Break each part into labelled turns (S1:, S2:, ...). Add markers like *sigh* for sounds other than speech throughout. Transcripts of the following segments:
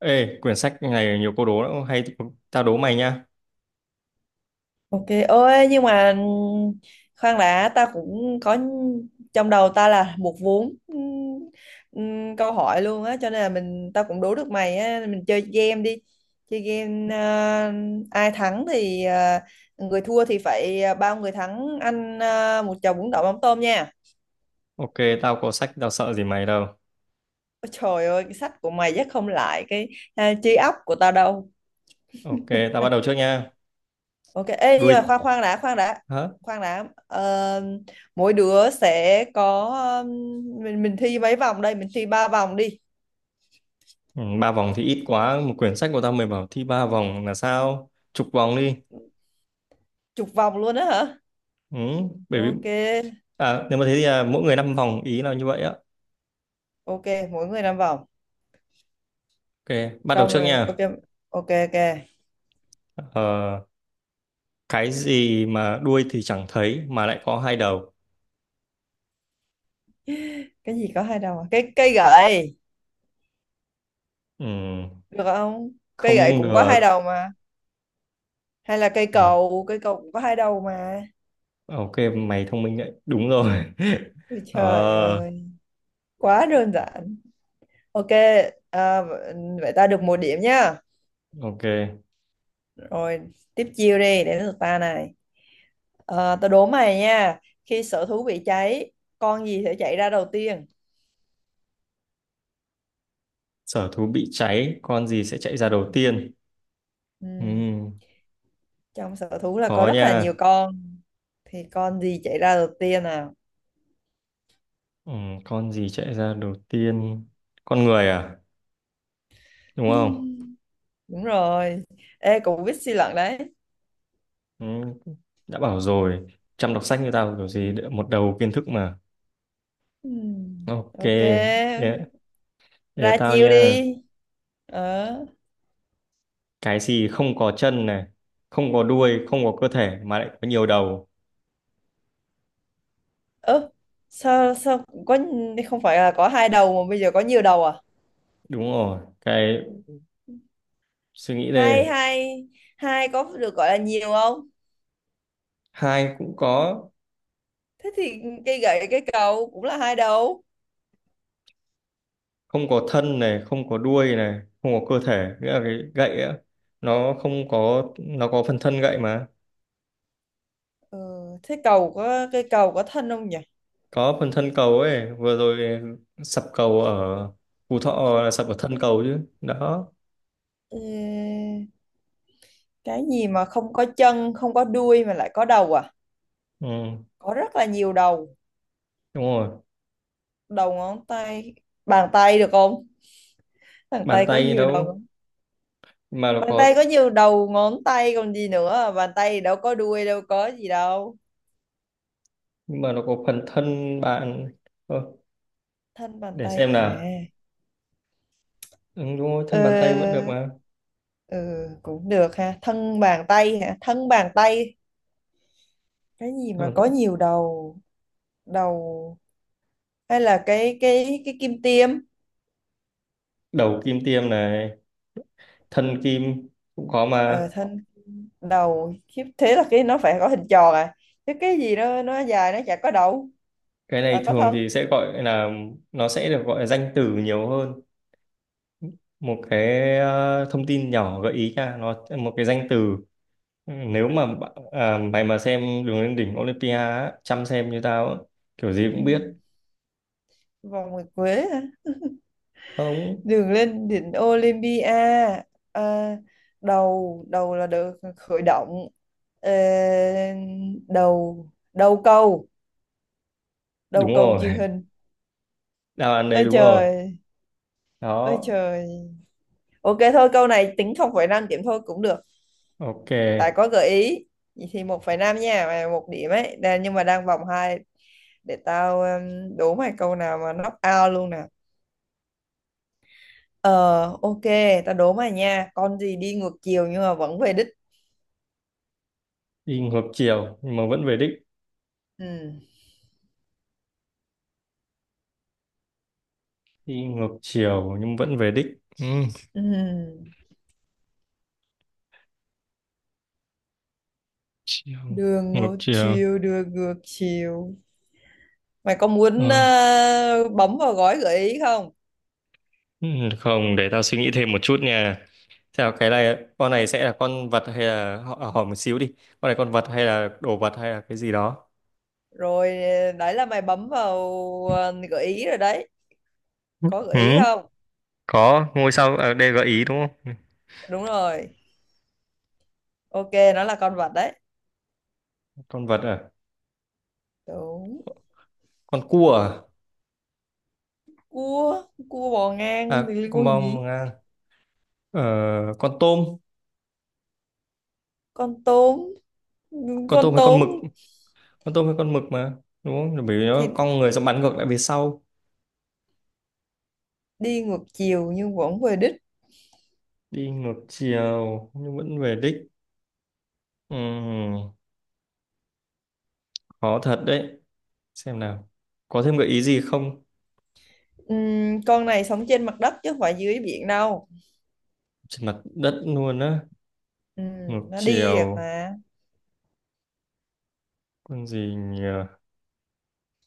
S1: Ê, quyển sách này nhiều câu đố lắm, hay tao đố mày nha.
S2: Ok, ôi nhưng mà khoan đã, ta cũng có trong đầu ta là một vốn câu hỏi luôn á, cho nên là mình tao cũng đố được mày á, mình chơi game đi. Chơi game, ai thắng thì, người thua thì phải, bao người thắng ăn, một chầu bún đậu mắm tôm nha.
S1: Ok, tao có sách, tao sợ gì mày đâu.
S2: Ôi trời ơi, cái sách của mày chắc không lại cái trí óc của tao đâu.
S1: Ok, tao bắt đầu trước nha.
S2: Ok, ê, nhưng
S1: Đuôi,
S2: mà khoan khoan đã, khoan đã,
S1: hả?
S2: khoan đã. Ờ, Mỗi đứa sẽ có um, mình thi mấy vòng đây? Mình thi 3 vòng đi,
S1: Ừ, ba vòng thì ít quá, một quyển sách của tao mày bảo thi ba vòng là sao? Chục vòng đi.
S2: chục vòng luôn á hả?
S1: Ừ, bởi vì,
S2: Ok,
S1: nếu mà thế thì mỗi người năm vòng, ý là như vậy á.
S2: ok, mỗi người 5 vòng.
S1: Ok, bắt đầu
S2: Trong
S1: trước
S2: rồi, ok,
S1: nha.
S2: ok, ok.
S1: Ờ, cái gì mà đuôi thì chẳng thấy mà lại có hai đầu?
S2: Cái gì có hai đầu? À? Cái cây gậy
S1: Ừ,
S2: được không? Cây gậy
S1: không
S2: cũng có
S1: ngờ.
S2: hai đầu mà. Hay là
S1: Ờ,
S2: cây cầu cũng có hai đầu mà.
S1: ok, mày thông minh đấy. Đúng rồi.
S2: Ôi
S1: *laughs*
S2: trời
S1: Ờ,
S2: ơi, quá đơn giản. Ok, à, vậy ta được 1 điểm nhá.
S1: ok.
S2: Rồi tiếp chiêu đi, đến lượt ta này. Ờ, Tao đố mày nha. Khi sở thú bị cháy, con gì sẽ chạy ra đầu tiên?
S1: Sở thú bị cháy, con gì sẽ chạy ra
S2: Ừ.
S1: đầu tiên?
S2: Ừ.
S1: Ừm,
S2: Trong sở thú là có
S1: khó
S2: rất là nhiều
S1: nha.
S2: con. Thì con gì chạy ra đầu tiên nào?
S1: Con gì chạy ra đầu tiên? Con người à? Đúng
S2: Ừ.
S1: không?
S2: Đúng rồi. Ê, cũng biết suy luận đấy.
S1: Ừm, đã bảo rồi. Chăm đọc sách như tao kiểu gì một đầu kiến thức mà.
S2: Ừ.
S1: Ok,
S2: Ok.
S1: để,
S2: Ra
S1: để tao
S2: chiêu đi.
S1: nha.
S2: Ờ.
S1: Cái gì không có chân này, không có đuôi, không có cơ thể mà lại có nhiều đầu.
S2: Ơ, sao sao có, không phải là có hai đầu mà bây giờ có nhiều đầu à?
S1: Đúng rồi. Cái suy nghĩ
S2: Hai
S1: đây.
S2: hai hai có được gọi là nhiều không?
S1: Hai cũng có,
S2: Thế thì cây gậy cây cầu cũng là hai đầu.
S1: không có thân này, không có đuôi này, không có cơ thể nghĩa là cái gậy á, nó không có. Nó có phần thân gậy mà.
S2: ừ, Thế cầu có, cây cầu có thân không nhỉ?
S1: Có phần thân cầu ấy. Vừa rồi sập cầu ở Phú Thọ là sập ở thân cầu chứ đó.
S2: Ê, cái gì mà không có chân, không có đuôi mà lại có đầu à,
S1: Ừ,
S2: có rất là nhiều đầu?
S1: đúng rồi,
S2: Đầu ngón tay, bàn tay được không? Bàn
S1: bàn
S2: tay có
S1: tay
S2: nhiều đầu
S1: đâu
S2: không?
S1: mà nó
S2: Bàn tay
S1: có.
S2: có nhiều đầu ngón tay còn gì nữa à? Bàn tay thì đâu có đuôi, đâu có gì đâu.
S1: Mà nó có phần thân bạn. Ơ,
S2: Thân bàn
S1: để
S2: tay
S1: xem
S2: à?
S1: nào. Ừ, đúng rồi,
S2: Ờ,
S1: thân bàn tay vẫn được mà.
S2: ừ, cũng được ha, thân bàn tay hả, thân bàn tay. Cái gì
S1: Thân
S2: mà
S1: bàn
S2: có
S1: tay.
S2: nhiều đầu đầu, hay là cái kim tiêm?
S1: Đầu kim tiêm này, thân kim cũng có mà.
S2: Ờ, thân đầu, khiếp, thế là cái nó phải có hình tròn à, chứ cái gì nó dài nó chả có đầu.
S1: Cái
S2: À,
S1: này
S2: có
S1: thường
S2: thân.
S1: thì sẽ gọi là, nó sẽ được gọi là danh từ nhiều hơn. Một cái thông tin nhỏ gợi ý nha, nó một cái danh từ. Nếu mà à, mày mà xem Đường lên đỉnh Olympia á, chăm xem như tao á, kiểu gì
S2: Ừ.
S1: cũng biết.
S2: Vòng nguyệt quế hả?
S1: Không,
S2: Đường lên đỉnh Olympia. À, đầu đầu là được khởi động. Ờ, đầu đầu câu,
S1: đúng
S2: đầu câu
S1: rồi.
S2: truyền
S1: *laughs*
S2: hình.
S1: Đáp án đấy,
S2: Ôi
S1: đúng rồi
S2: trời, ôi
S1: đó.
S2: trời. Ok, thôi câu này tính 0,5 điểm thôi cũng được,
S1: Ok,
S2: tại có gợi ý. Vậy thì 1,5 nha mày, một điểm ấy đang, nhưng mà đang vòng 2. Để tao đố mày câu nào mà knock out luôn nè. Ờ. Ok. Tao đố mày nha, con gì đi ngược chiều nhưng mà vẫn về đích?
S1: đi ngược chiều nhưng mà vẫn về đích.
S2: Ừ.
S1: Đi ngược chiều nhưng vẫn về đích. Ừ.
S2: Ừ.
S1: Chiều
S2: Đường
S1: ngược
S2: ngược
S1: chiều.
S2: chiều, đường ngược chiều. Mày có muốn
S1: Ờ.
S2: bấm vào gói gợi ý không?
S1: Ừ, không, để tao suy nghĩ thêm một chút nha. Theo cái này, con này sẽ là con vật hay là à, hỏi một xíu đi. Con này con vật hay là đồ vật hay là cái gì đó?
S2: Rồi, đấy là mày bấm vào gợi ý rồi đấy. Có gợi ý
S1: Ừ,
S2: không?
S1: có ngôi sao ở đây gợi ý đúng không? Ừ.
S2: Đúng rồi. Ok, nó là con vật đấy.
S1: Con vật à?
S2: Đúng.
S1: Con cua à?
S2: Cua, cua bò ngang
S1: À,
S2: thì liên
S1: con
S2: quan gì.
S1: bông à? Ờ, con tôm,
S2: Con tôm,
S1: con tôm
S2: con
S1: hay con
S2: tôm
S1: mực? Con tôm hay con mực mà, đúng không? Rồi. Bởi vì
S2: thì
S1: nó cong người sẽ bắn ngược lại về sau,
S2: đi ngược chiều nhưng vẫn về đích.
S1: đi ngược chiều nhưng vẫn về đích. Ừm, khó thật đấy. Xem nào, có thêm gợi ý gì không?
S2: Con này sống trên mặt đất chứ không phải dưới biển đâu.
S1: Trên mặt đất luôn á. Ngược
S2: Ừm, nó đi được
S1: chiều,
S2: mà.
S1: con gì nhỉ,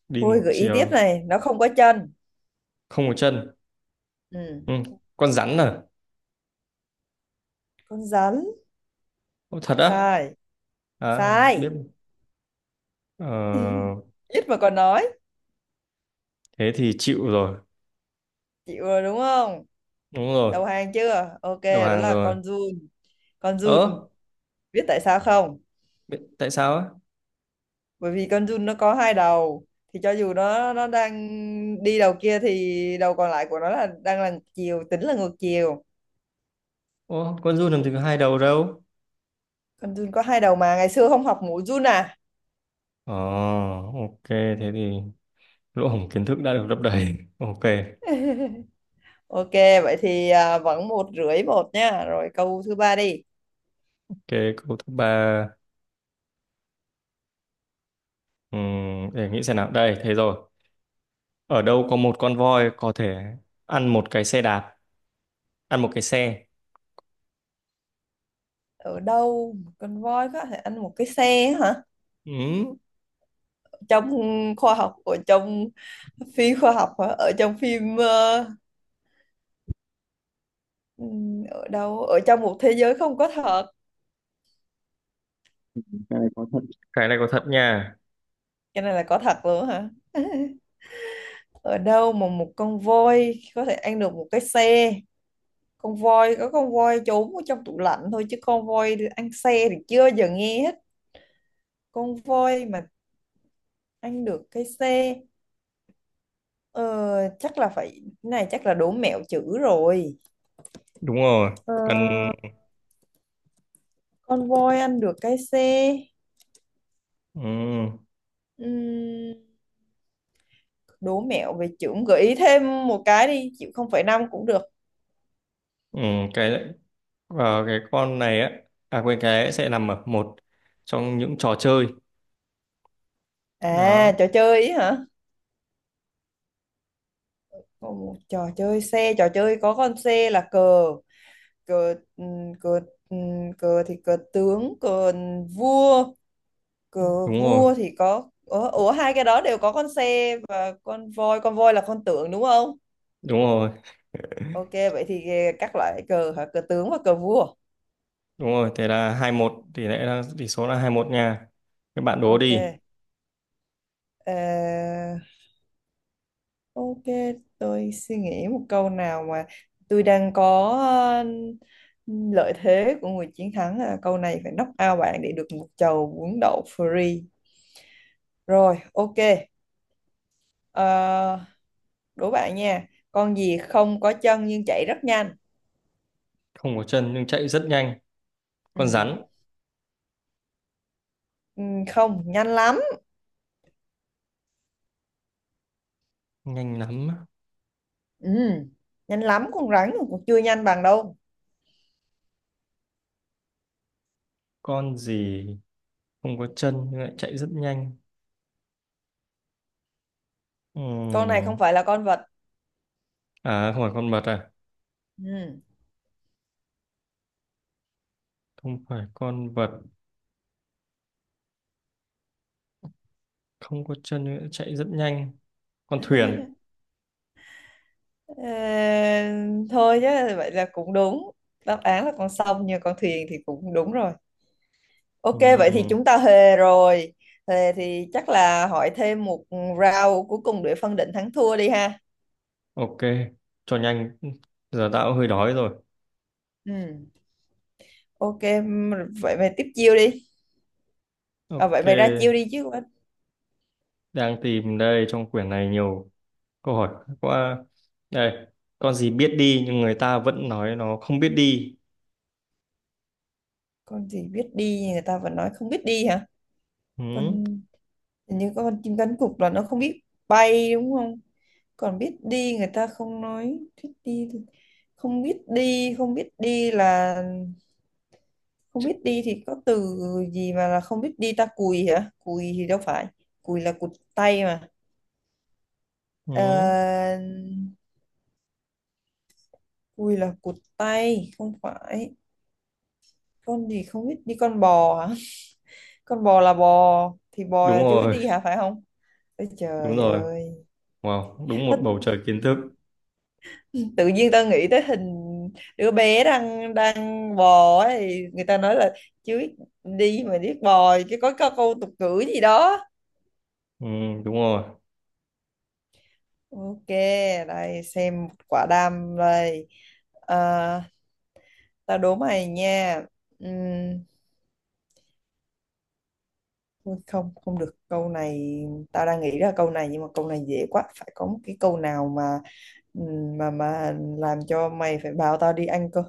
S1: đi
S2: Thôi
S1: ngược
S2: gợi ý tiếp
S1: chiều,
S2: này, nó không có chân.
S1: không có chân. Ừ.
S2: Ừm.
S1: Con rắn à?
S2: Con rắn?
S1: Ô, thật á?
S2: Sai.
S1: À không biết.
S2: Sai.
S1: ờ,
S2: Ít mà còn nói.
S1: thế thì chịu rồi.
S2: Chịu rồi đúng không?
S1: Đúng rồi.
S2: Đầu hàng chưa? Ok.
S1: Đầu
S2: Đó
S1: hàng
S2: là
S1: rồi.
S2: con giun. Con giun.
S1: Ớ,
S2: Biết tại sao không?
S1: tại sao á?
S2: Bởi vì con giun nó có hai đầu, thì cho dù nó đang đi đầu kia thì đầu còn lại của nó là đang là ngược chiều, tính là ngược chiều.
S1: Ô, con giun làm gì có hai đầu đâu.
S2: Con giun có hai đầu mà, ngày xưa không học mũi giun à?
S1: Ờ, ok, thế thì lỗ hổng kiến thức đã được lấp đầy. Ok,
S2: *laughs* Ok, vậy thì, à, vẫn 1,5-1 nha, rồi câu thứ ba đi.
S1: cái câu thứ ba. Ừm, để nghĩ xem nào đây, thế rồi ở đâu có một con voi có thể ăn một cái xe đạp? Ăn một cái xe.
S2: Ở đâu một con voi có thể ăn một cái xe hả?
S1: Ừ.
S2: Trong khoa học, ở trong phi khoa học hả, ở trong phim, ở đâu, ở trong một thế giới không có thật?
S1: Cái này có thật. Cái này có thật nha.
S2: Cái này là có thật luôn hả? *laughs* Ở đâu mà một con voi có thể ăn được một cái xe? Con voi có, con voi trốn ở trong tủ lạnh thôi chứ con voi ăn xe thì chưa bao giờ nghe hết. Con voi mà ăn được cái xe. Ờ, chắc là phải, cái này chắc là đố mẹo chữ rồi.
S1: Đúng rồi.
S2: Ờ,
S1: Cần.
S2: con voi ăn được cái xe.
S1: ừ,
S2: Ừm, đố mẹo về chữ, gợi ý thêm một cái đi, chịu, 0,5 cũng được.
S1: ừ, cái cái con này á, à quên, cái sẽ nằm ở một trong những trò chơi.
S2: À,
S1: Đó,
S2: trò chơi ý hả? Ồ, trò chơi xe, trò chơi có con xe là cờ. Cờ. Ừ, cờ. Ừ, cờ thì cờ tướng, cờ vua.
S1: đúng
S2: Cờ
S1: rồi.
S2: vua thì có, ủa, ủa hai cái đó đều có con xe và con voi, con voi là con tượng đúng không?
S1: Đúng rồi.
S2: Ok, vậy thì các loại cờ hả, cờ tướng và cờ vua.
S1: Đúng rồi, thế là hai một, tỷ lệ là tỷ số là hai một nha. Các bạn đố
S2: Ok.
S1: đi.
S2: Ờ, ok, tôi suy nghĩ một câu nào mà, tôi đang có lợi thế của người chiến thắng, là câu này phải knock out bạn để được một chầu bún đậu free. Rồi ok. Ờ, đố bạn nha, con gì không có chân nhưng chạy rất nhanh?
S1: Không có chân nhưng chạy rất nhanh. Con
S2: Ừ.
S1: rắn.
S2: Ừ, không nhanh lắm.
S1: Nhanh lắm.
S2: Ừ. Nhanh lắm, con rắn cũng chưa nhanh bằng đâu.
S1: Con gì không có chân nhưng lại chạy rất nhanh?
S2: Con này không
S1: Ừm,
S2: phải là con vật.
S1: à không phải con vật à?
S2: Ừ.
S1: Không phải con vật, không có chân nữa, chạy rất nhanh. Con thuyền.
S2: Ờ, thôi chứ, vậy là cũng đúng. Đáp án là con sông, nhưng con thuyền thì cũng đúng rồi. Ok, vậy thì chúng
S1: Ừ,
S2: ta hề rồi. Hề thì chắc là hỏi thêm một round cuối cùng để phân định thắng thua đi ha.
S1: ok, cho nhanh, giờ tao cũng hơi đói rồi.
S2: Ừ. Ok, vậy mày tiếp chiêu đi. À,
S1: Ok,
S2: vậy mày ra chiêu đi chứ.
S1: đang tìm đây, trong quyển này nhiều câu hỏi quá. Đây, con gì biết đi nhưng người ta vẫn nói nó không biết đi?
S2: Con gì biết đi người ta vẫn nói không biết đi hả?
S1: ừ,
S2: Con, hình như con chim cánh cụt là nó không biết bay đúng không. Còn biết đi người ta không nói biết đi thì- không biết đi, không biết đi là, không biết đi thì có từ gì mà là không biết đi? Ta, cùi hả? Cùi thì đâu phải, cùi là cụt tay mà. Ờ,
S1: ừ,
S2: cùi là cụt tay, không phải. Con gì không biết đi, con bò hả? Con bò là bò, thì bò
S1: đúng
S2: là chưa biết
S1: rồi.
S2: đi hả phải không? Ôi
S1: Đúng
S2: trời
S1: rồi,
S2: ơi.
S1: wow, đúng một bầu trời kiến thức.
S2: Tự nhiên tao nghĩ tới hình đứa bé đang đang bò ấy, người ta nói là chứ đi mà biết bò, chứ có câu tục ngữ gì đó.
S1: Ừ, đúng rồi.
S2: Ok, đây xem quả đam đây. À, tao đố mày nha. Ừm, thôi không, không được câu này. Tao đang nghĩ ra câu này nhưng mà câu này dễ quá, phải có một cái câu nào mà làm cho mày phải bảo tao đi ăn cơ.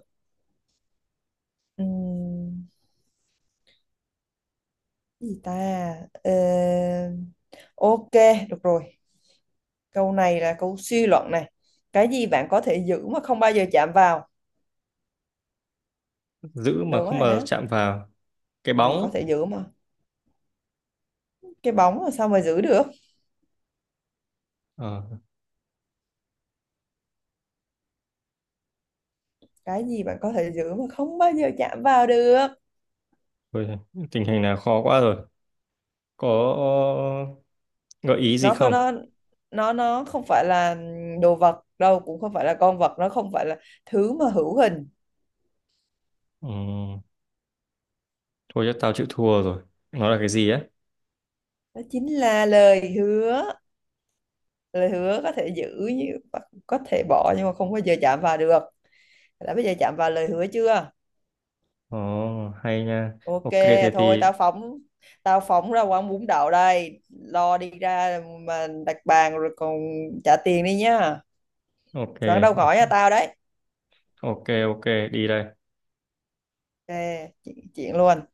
S2: Ừm, gì ta? Ờ, ok, được rồi, câu này là câu suy luận này. Cái gì bạn có thể giữ mà không bao giờ chạm vào?
S1: Giữ mà
S2: Đúng
S1: không
S2: rồi
S1: mà
S2: đó.
S1: chạm vào? Cái
S2: Ừ, có
S1: bóng.
S2: thể giữ mà, cái bóng mà sao mà giữ được?
S1: Ờ,
S2: Cái gì bạn có thể giữ mà không bao giờ chạm vào được?
S1: thôi, tình hình này khó quá rồi, có gợi ý gì không?
S2: Nó, nó không phải là đồ vật đâu, cũng không phải là con vật, nó không phải là thứ mà hữu hình.
S1: Ừ, thôi chứ tao chịu thua rồi. Nó là cái gì á?
S2: Đó chính là lời hứa. Lời hứa có thể giữ, như có thể bỏ, nhưng mà không bao giờ chạm vào được. Đã bây giờ chạm vào lời hứa chưa.
S1: Ồ, hay nha.
S2: Ok,
S1: Ok, thế
S2: thôi
S1: thì...
S2: tao phóng, tao phóng ra quán bún đậu đây, lo đi ra mà đặt bàn rồi còn trả tiền đi nhá.
S1: Ok,
S2: Quán đâu gọi cho tao đấy.
S1: ok, ok, đi đây.
S2: Ok, chuyện chuyện luôn.